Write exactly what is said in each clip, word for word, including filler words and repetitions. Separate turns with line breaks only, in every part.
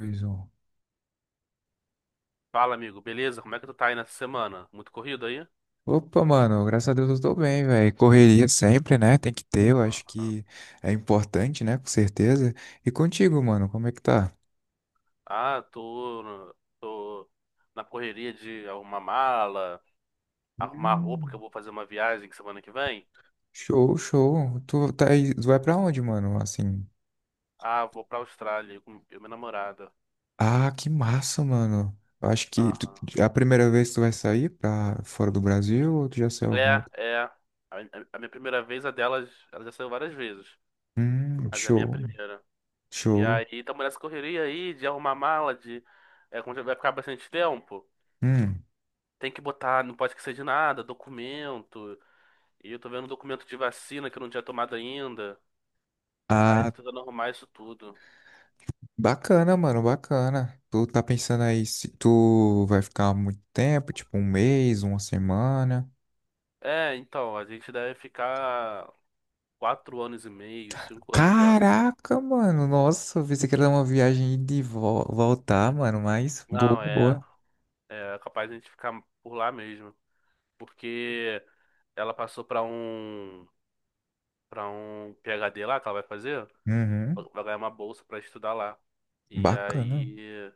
Dois, um.
Fala, amigo, beleza? Como é que tu tá aí nessa semana? Muito corrido aí?
Opa, mano, graças a Deus eu tô bem, velho. Correria sempre, né? Tem que ter, eu acho
Aham.
que é importante, né? Com certeza. E contigo, mano, como é que tá?
Ah, tô, no- tô na correria de arrumar mala, arrumar roupa, que eu
Hum,
vou fazer uma viagem semana que vem.
show, show. Tu tá aí, tu vai pra onde, mano? Assim.
Ah, vou pra Austrália com eu e minha namorada.
Ah, que massa, mano. Eu acho que tu-
Aham.
É a primeira vez que tu vai sair pra fora do Brasil ou tu já saiu algum?
É, é. A, a- a minha primeira vez, a delas, ela já saiu várias vezes,
Hum,
mas é a minha
show,
primeira. E
show.
aí, tamo nessa correria aí de arrumar mala, de. É, como já vai ficar bastante tempo,
Hum.
tem que botar, não pode esquecer de nada, documento. E eu tô vendo um documento de vacina que eu não tinha tomado ainda. Aí
Ah,
tô tentando arrumar isso tudo.
bacana, mano, bacana. Tu tá pensando aí se tu vai ficar muito tempo, tipo um mês, uma semana.
É, então, a gente deve ficar quatro anos e meio, cinco anos lá.
Caraca, mano, nossa, eu pensei que era uma viagem ida e vol- voltar, mano, mas boa,
Não, é,
boa.
é capaz de a gente ficar por lá mesmo. Porque ela passou pra um, para um P H D lá que ela vai fazer,
Uhum,
vai ganhar uma bolsa pra estudar lá. E
bacana.
aí,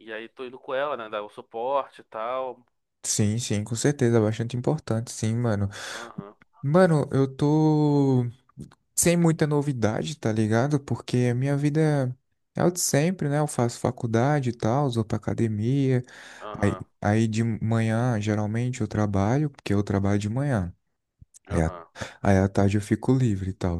e aí tô indo com ela, né, dar o suporte e tal.
Sim, sim, com certeza, bastante importante, sim, mano.
Aham,
Mano, eu tô sem muita novidade, tá ligado? Porque a minha vida é o de sempre, né? Eu faço faculdade e tal, vou pra academia. Aí,
aham,
aí de manhã, geralmente, eu trabalho, porque eu trabalho de manhã. Aí, à-
aham.
Aí à tarde eu fico livre e tal.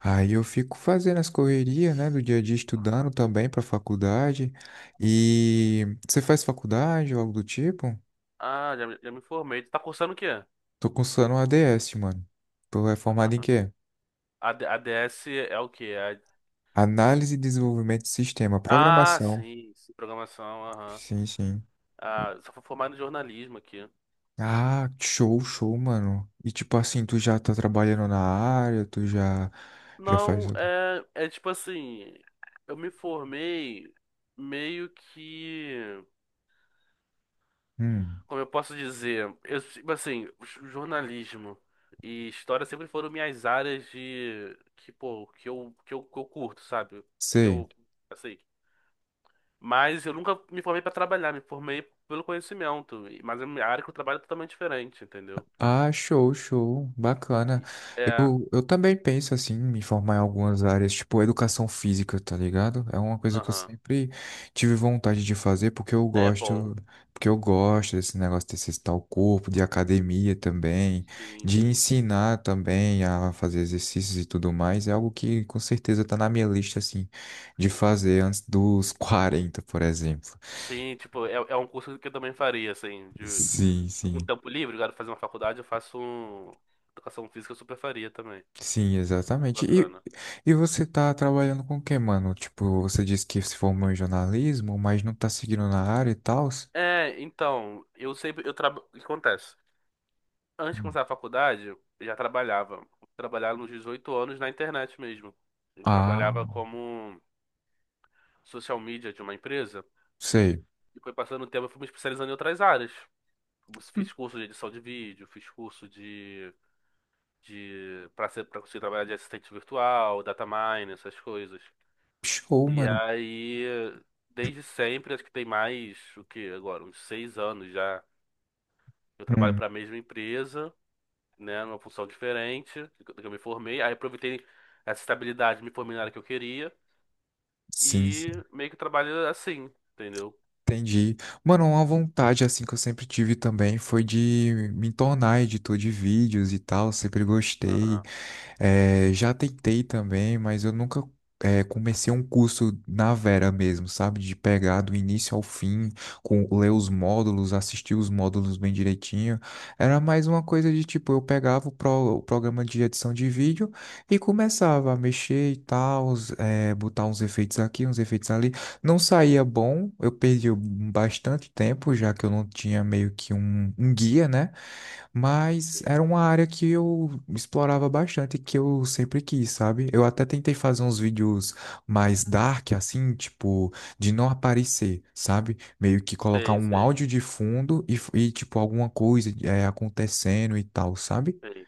Aí eu fico fazendo as correrias, né, do dia a dia,
Aham.
estudando também pra faculdade. E você faz faculdade ou algo do tipo?
Ah, já, me- já me informei. Tu tá cursando o quê?
Tô cursando A D S, mano. Tu é formado em quê?
A, D- a D S é o quê? É.
Análise e desenvolvimento de sistema,
A- Ah,
programação.
sim, sim, programação, aham.
Sim, sim.
Ah, só fui formado em jornalismo aqui.
Ah, show, show, mano. E tipo assim, tu já tá trabalhando na área, tu já já faz.
Não, é, é tipo assim, eu me formei meio que,
Hum.
como eu posso dizer, eu, tipo assim, j- jornalismo e história sempre foram minhas áreas de, que, pô, que eu, que eu, que eu curto, sabe? Que
Sei.
eu, assim, mas eu nunca me formei pra trabalhar, me formei pelo conhecimento, e- mas a minha área que eu trabalho é totalmente diferente, entendeu?
Ah, show, show. Bacana.
E- É,
Eu, eu também penso assim, em me formar em algumas áreas, tipo educação física, tá ligado? É uma coisa que eu
aham.
sempre tive vontade de fazer porque eu
É bom.
gosto, porque eu gosto desse negócio de exercitar o corpo, de academia também,
Sim,
de
sim.
ensinar também a fazer exercícios e tudo mais. É algo que com certeza tá na minha lista assim de fazer antes dos quarenta, por exemplo.
Sim, tipo, é, é um curso que eu também faria, assim, de
Sim, sim.
com tempo livre, eu quero fazer uma faculdade, eu faço um. Educação física, eu super faria também.
Sim,
Muito
exatamente. E,
bacana.
e você tá trabalhando com o que, mano? Tipo, você disse que se formou em jornalismo, mas não tá seguindo na área e tal?
É, então, eu sempre, eu trabalho, o que acontece? Antes de começar a faculdade, eu já trabalhava. Trabalhava nos dezoito anos na internet mesmo. Eu
Ah,
trabalhava como social media de uma empresa,
sei.
e foi passando o tempo, eu fui me especializando em outras áreas.
Hum,
Fiz curso de edição de vídeo, fiz curso de de para ser para conseguir trabalhar de assistente virtual, data mine, essas coisas.
Show,
E
mano.
aí, desde sempre, acho que tem mais o que agora, uns seis anos já, eu trabalho
Hum,
para a mesma empresa, né, numa função diferente do que do que eu me formei. Aí aproveitei essa estabilidade, me formei na área que eu queria
sim, sim.
e meio que trabalho assim, entendeu?
Entendi. Mano, uma vontade assim que eu sempre tive também foi de me tornar editor de vídeos e tal. Sempre gostei.
Aham,
É, já tentei também, mas eu nunca é, comecei um curso na vera mesmo, sabe? De pegar do início ao fim, com ler os módulos, assistir os módulos bem direitinho. Era mais uma coisa de tipo, eu pegava o, pro- o programa de edição de vídeo e começava a mexer e tal, é, botar uns efeitos aqui, uns efeitos ali. Não saía bom, eu perdi bastante tempo, já que eu não tinha meio que um um guia, né? Mas era
sim,
uma área que eu explorava bastante, que eu sempre quis, sabe? Eu até tentei fazer uns vídeos mais dark, assim, tipo, de não aparecer, sabe? Meio que colocar
sei,
um
sei,
áudio de fundo e, f- e, tipo, alguma coisa é, acontecendo e tal, sabe?
sei,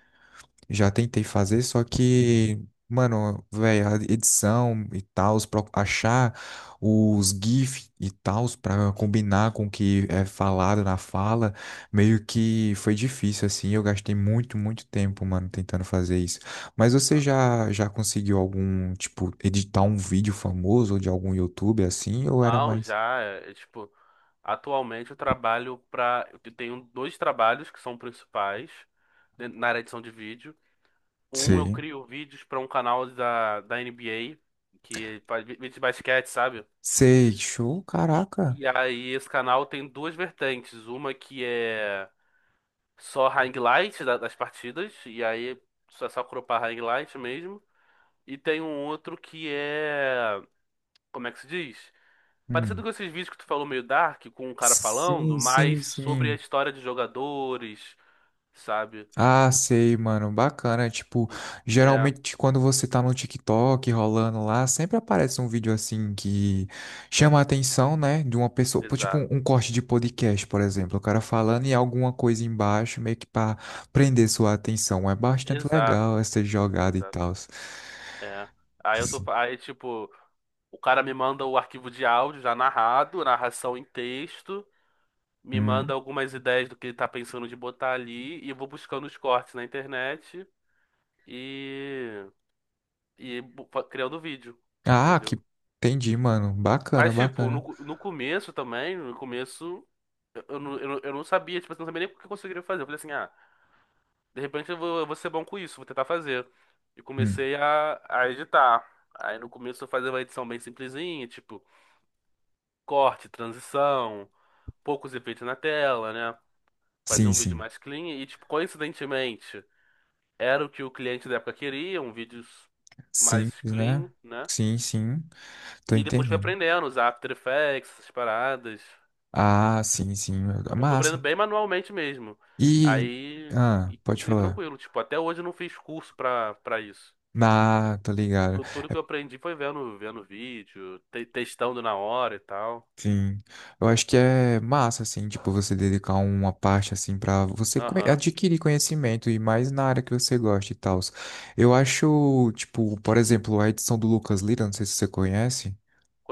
Já tentei fazer, só que, mano, velho, a edição e tal, achar os GIF e tal pra combinar com o que é falado na fala, meio que foi difícil, assim. Eu gastei muito, muito tempo, mano, tentando fazer isso. Mas
sei.
você já, já conseguiu algum, tipo, editar um vídeo famoso ou de algum YouTube assim? Ou era
Não,
mais.
já, é, é, tipo, atualmente eu trabalho pra. Eu tenho dois trabalhos que são principais dentro- na área de edição de vídeo. Um, eu
Sei.
crio vídeos para um canal da, da N B A, que faz vi- vídeo de basquete, sabe?
Sei, show, caraca.
E aí esse canal tem duas vertentes. Uma que é só highlight da- das partidas, e aí só, só cropar highlight mesmo. E tem um outro que é. Como é que se diz? Parecido
Hum.
com esses vídeos que tu falou meio dark, com um cara falando,
Sim,
mas
sim,
sobre a
sim.
história de jogadores, sabe?
Ah, sei, mano, bacana. Tipo,
E- É,
geralmente quando você tá no TikTok rolando lá, sempre aparece um vídeo assim que chama a atenção, né, de uma pessoa, pô, tipo um,
exato.
um corte de podcast, por exemplo, o cara falando e alguma coisa embaixo, meio que pra prender sua atenção. É bastante legal
Exato,
essa jogada e
exato.
tal.
É. Aí eu tô,
Sim.
aí tipo, o cara me manda o arquivo de áudio já narrado, narração em texto, me manda
Hum.
algumas ideias do que ele tá pensando de botar ali e eu vou buscando os cortes na internet e e bu- fa- criando vídeo,
Ah, que
entendeu?
Entendi, mano. Bacana,
Mas tipo,
bacana.
no, no começo também, no começo. Eu, eu, não- eu, não eu não sabia, tipo, assim, eu não sabia nem o que eu conseguiria fazer. Eu falei assim, ah, de repente eu vou, eu vou ser bom com isso, vou tentar fazer. E
Hum.
comecei a, a editar. Aí no começo eu fazia uma edição bem simplesinha, tipo, corte, transição, poucos efeitos na tela, né? Fazia
Sim,
um vídeo
sim.
mais clean e, tipo, coincidentemente, era o que o cliente da época queria, um vídeo mais
Simples, né?
clean, né?
Sim, sim. Tô
E depois fui
entendendo.
aprendendo a usar After Effects, essas paradas.
Ah, sim, sim.
Eu fui aprendendo
Massa.
bem manualmente mesmo.
E.
Aí,
Ah,
e
pode
consegui
falar.
tranquilo. Tipo, até hoje eu não fiz curso pra, pra isso.
Ah, tô ligado.
Tu- Tudo que eu aprendi foi vendo, vendo vídeo, te- testando na hora e tal.
Sim. Eu acho que é massa, assim, tipo, você dedicar uma parte, assim, pra você conhe-
Aham.
adquirir conhecimento e mais na área que você gosta e tal. Eu acho, tipo, por exemplo, a edição do Lucas Lira, não sei se você conhece.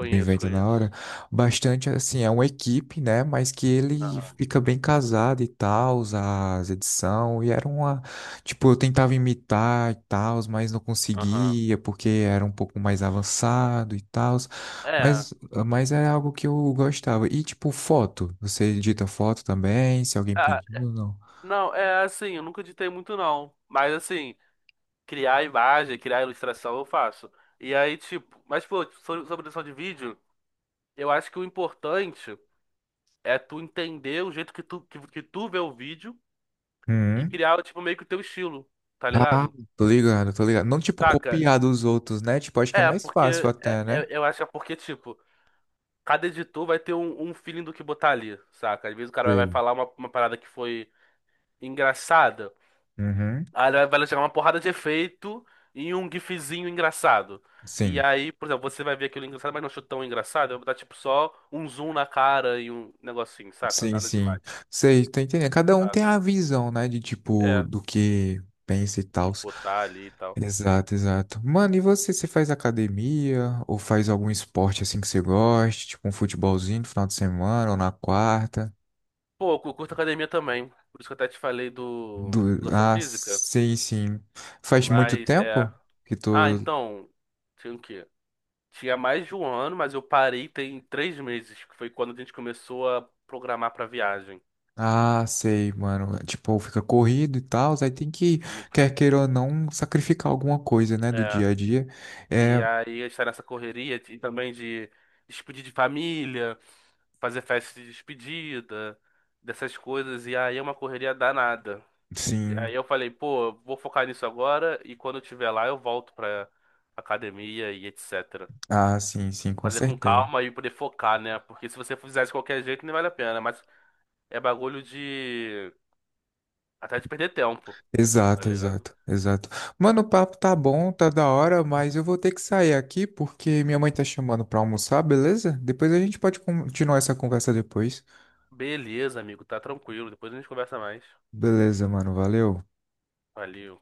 Do evento na hora.
conheço.
Bastante, assim, é uma equipe, né? Mas que ele
Aham.
fica bem casado e tal, as edição E era uma. Tipo, eu tentava imitar e tal, mas não
Aham.
conseguia, porque era um pouco mais avançado e tal.
É.
Mas, mas é algo que eu gostava. E, tipo, foto. Você edita foto também, se alguém
Ah,
pediu ou não.
não, é assim, eu nunca editei muito não. Mas assim, criar imagem, criar ilustração eu faço. E aí, tipo, mas pô, sobre, sobre edição de vídeo, eu acho que o importante é tu entender o jeito que tu, que, que tu vê o vídeo e
Hum.
criar, tipo, meio que o teu estilo, tá
Ah,
ligado?
tô ligado, tô ligado. Não, tipo,
Saca?
copiar dos outros, né? Tipo, acho que é
É,
mais fácil
porque é-
até,
é-
né?
eu acho que é porque, tipo, cada editor vai ter um, um feeling do que botar ali, saca? Às vezes o cara vai vai
Sei.
falar uma, uma parada que foi engraçada,
Uhum.
aí ele vai vai jogar uma porrada de efeito e um gifzinho engraçado. E
Sim.
aí, por exemplo, você vai ver aquilo engraçado, mas não achou tão engraçado, vai botar, tipo, só um zoom na cara e um negocinho, saca?
Sim,
Nada
sim.
demais,
Sei, tô entendendo. Cada um tem
saca?
a visão, né? De tipo,
É,
do que pensa e
o que
tal.
botar ali e tal.
Exato, exato. Mano, e você? Você faz academia? Ou faz algum esporte assim que você goste? Tipo um futebolzinho no final de semana ou na quarta?
Pô, eu curto academia também. Por isso que eu até te falei do
Do...
educação
Ah,
física.
sei, sim. Faz muito
Mas é.
tempo que
Ah,
tô.
então. Tinha o quê? Tinha mais de um ano, mas eu parei tem três meses, que foi quando a gente começou a programar pra viagem.
Ah, sei, mano. Tipo, fica corrido e tal. Aí tem que,
Fica.
quer queira ou não, sacrificar alguma coisa, né? Do
É.
dia a dia.
E
É,
aí estar nessa correria de- também de despedir de família, fazer festa de despedida, dessas coisas. E aí é uma correria danada.
sim.
Aí eu falei, pô, eu vou focar nisso agora e quando eu estiver lá eu volto pra academia e etcétera.
Ah, sim, sim, com
Fazer com
certeza.
calma e poder focar, né? Porque se você fizer de qualquer jeito, nem vale a pena. Mas é bagulho de. Até de perder tempo, tá
Exato,
ligado?
exato, exato. Mano, o papo tá bom, tá da hora, mas eu vou ter que sair aqui porque minha mãe tá chamando pra almoçar, beleza? Depois a gente pode continuar essa conversa depois.
Beleza, amigo, tá tranquilo. Depois a gente conversa mais.
Beleza, mano, valeu.
Valeu.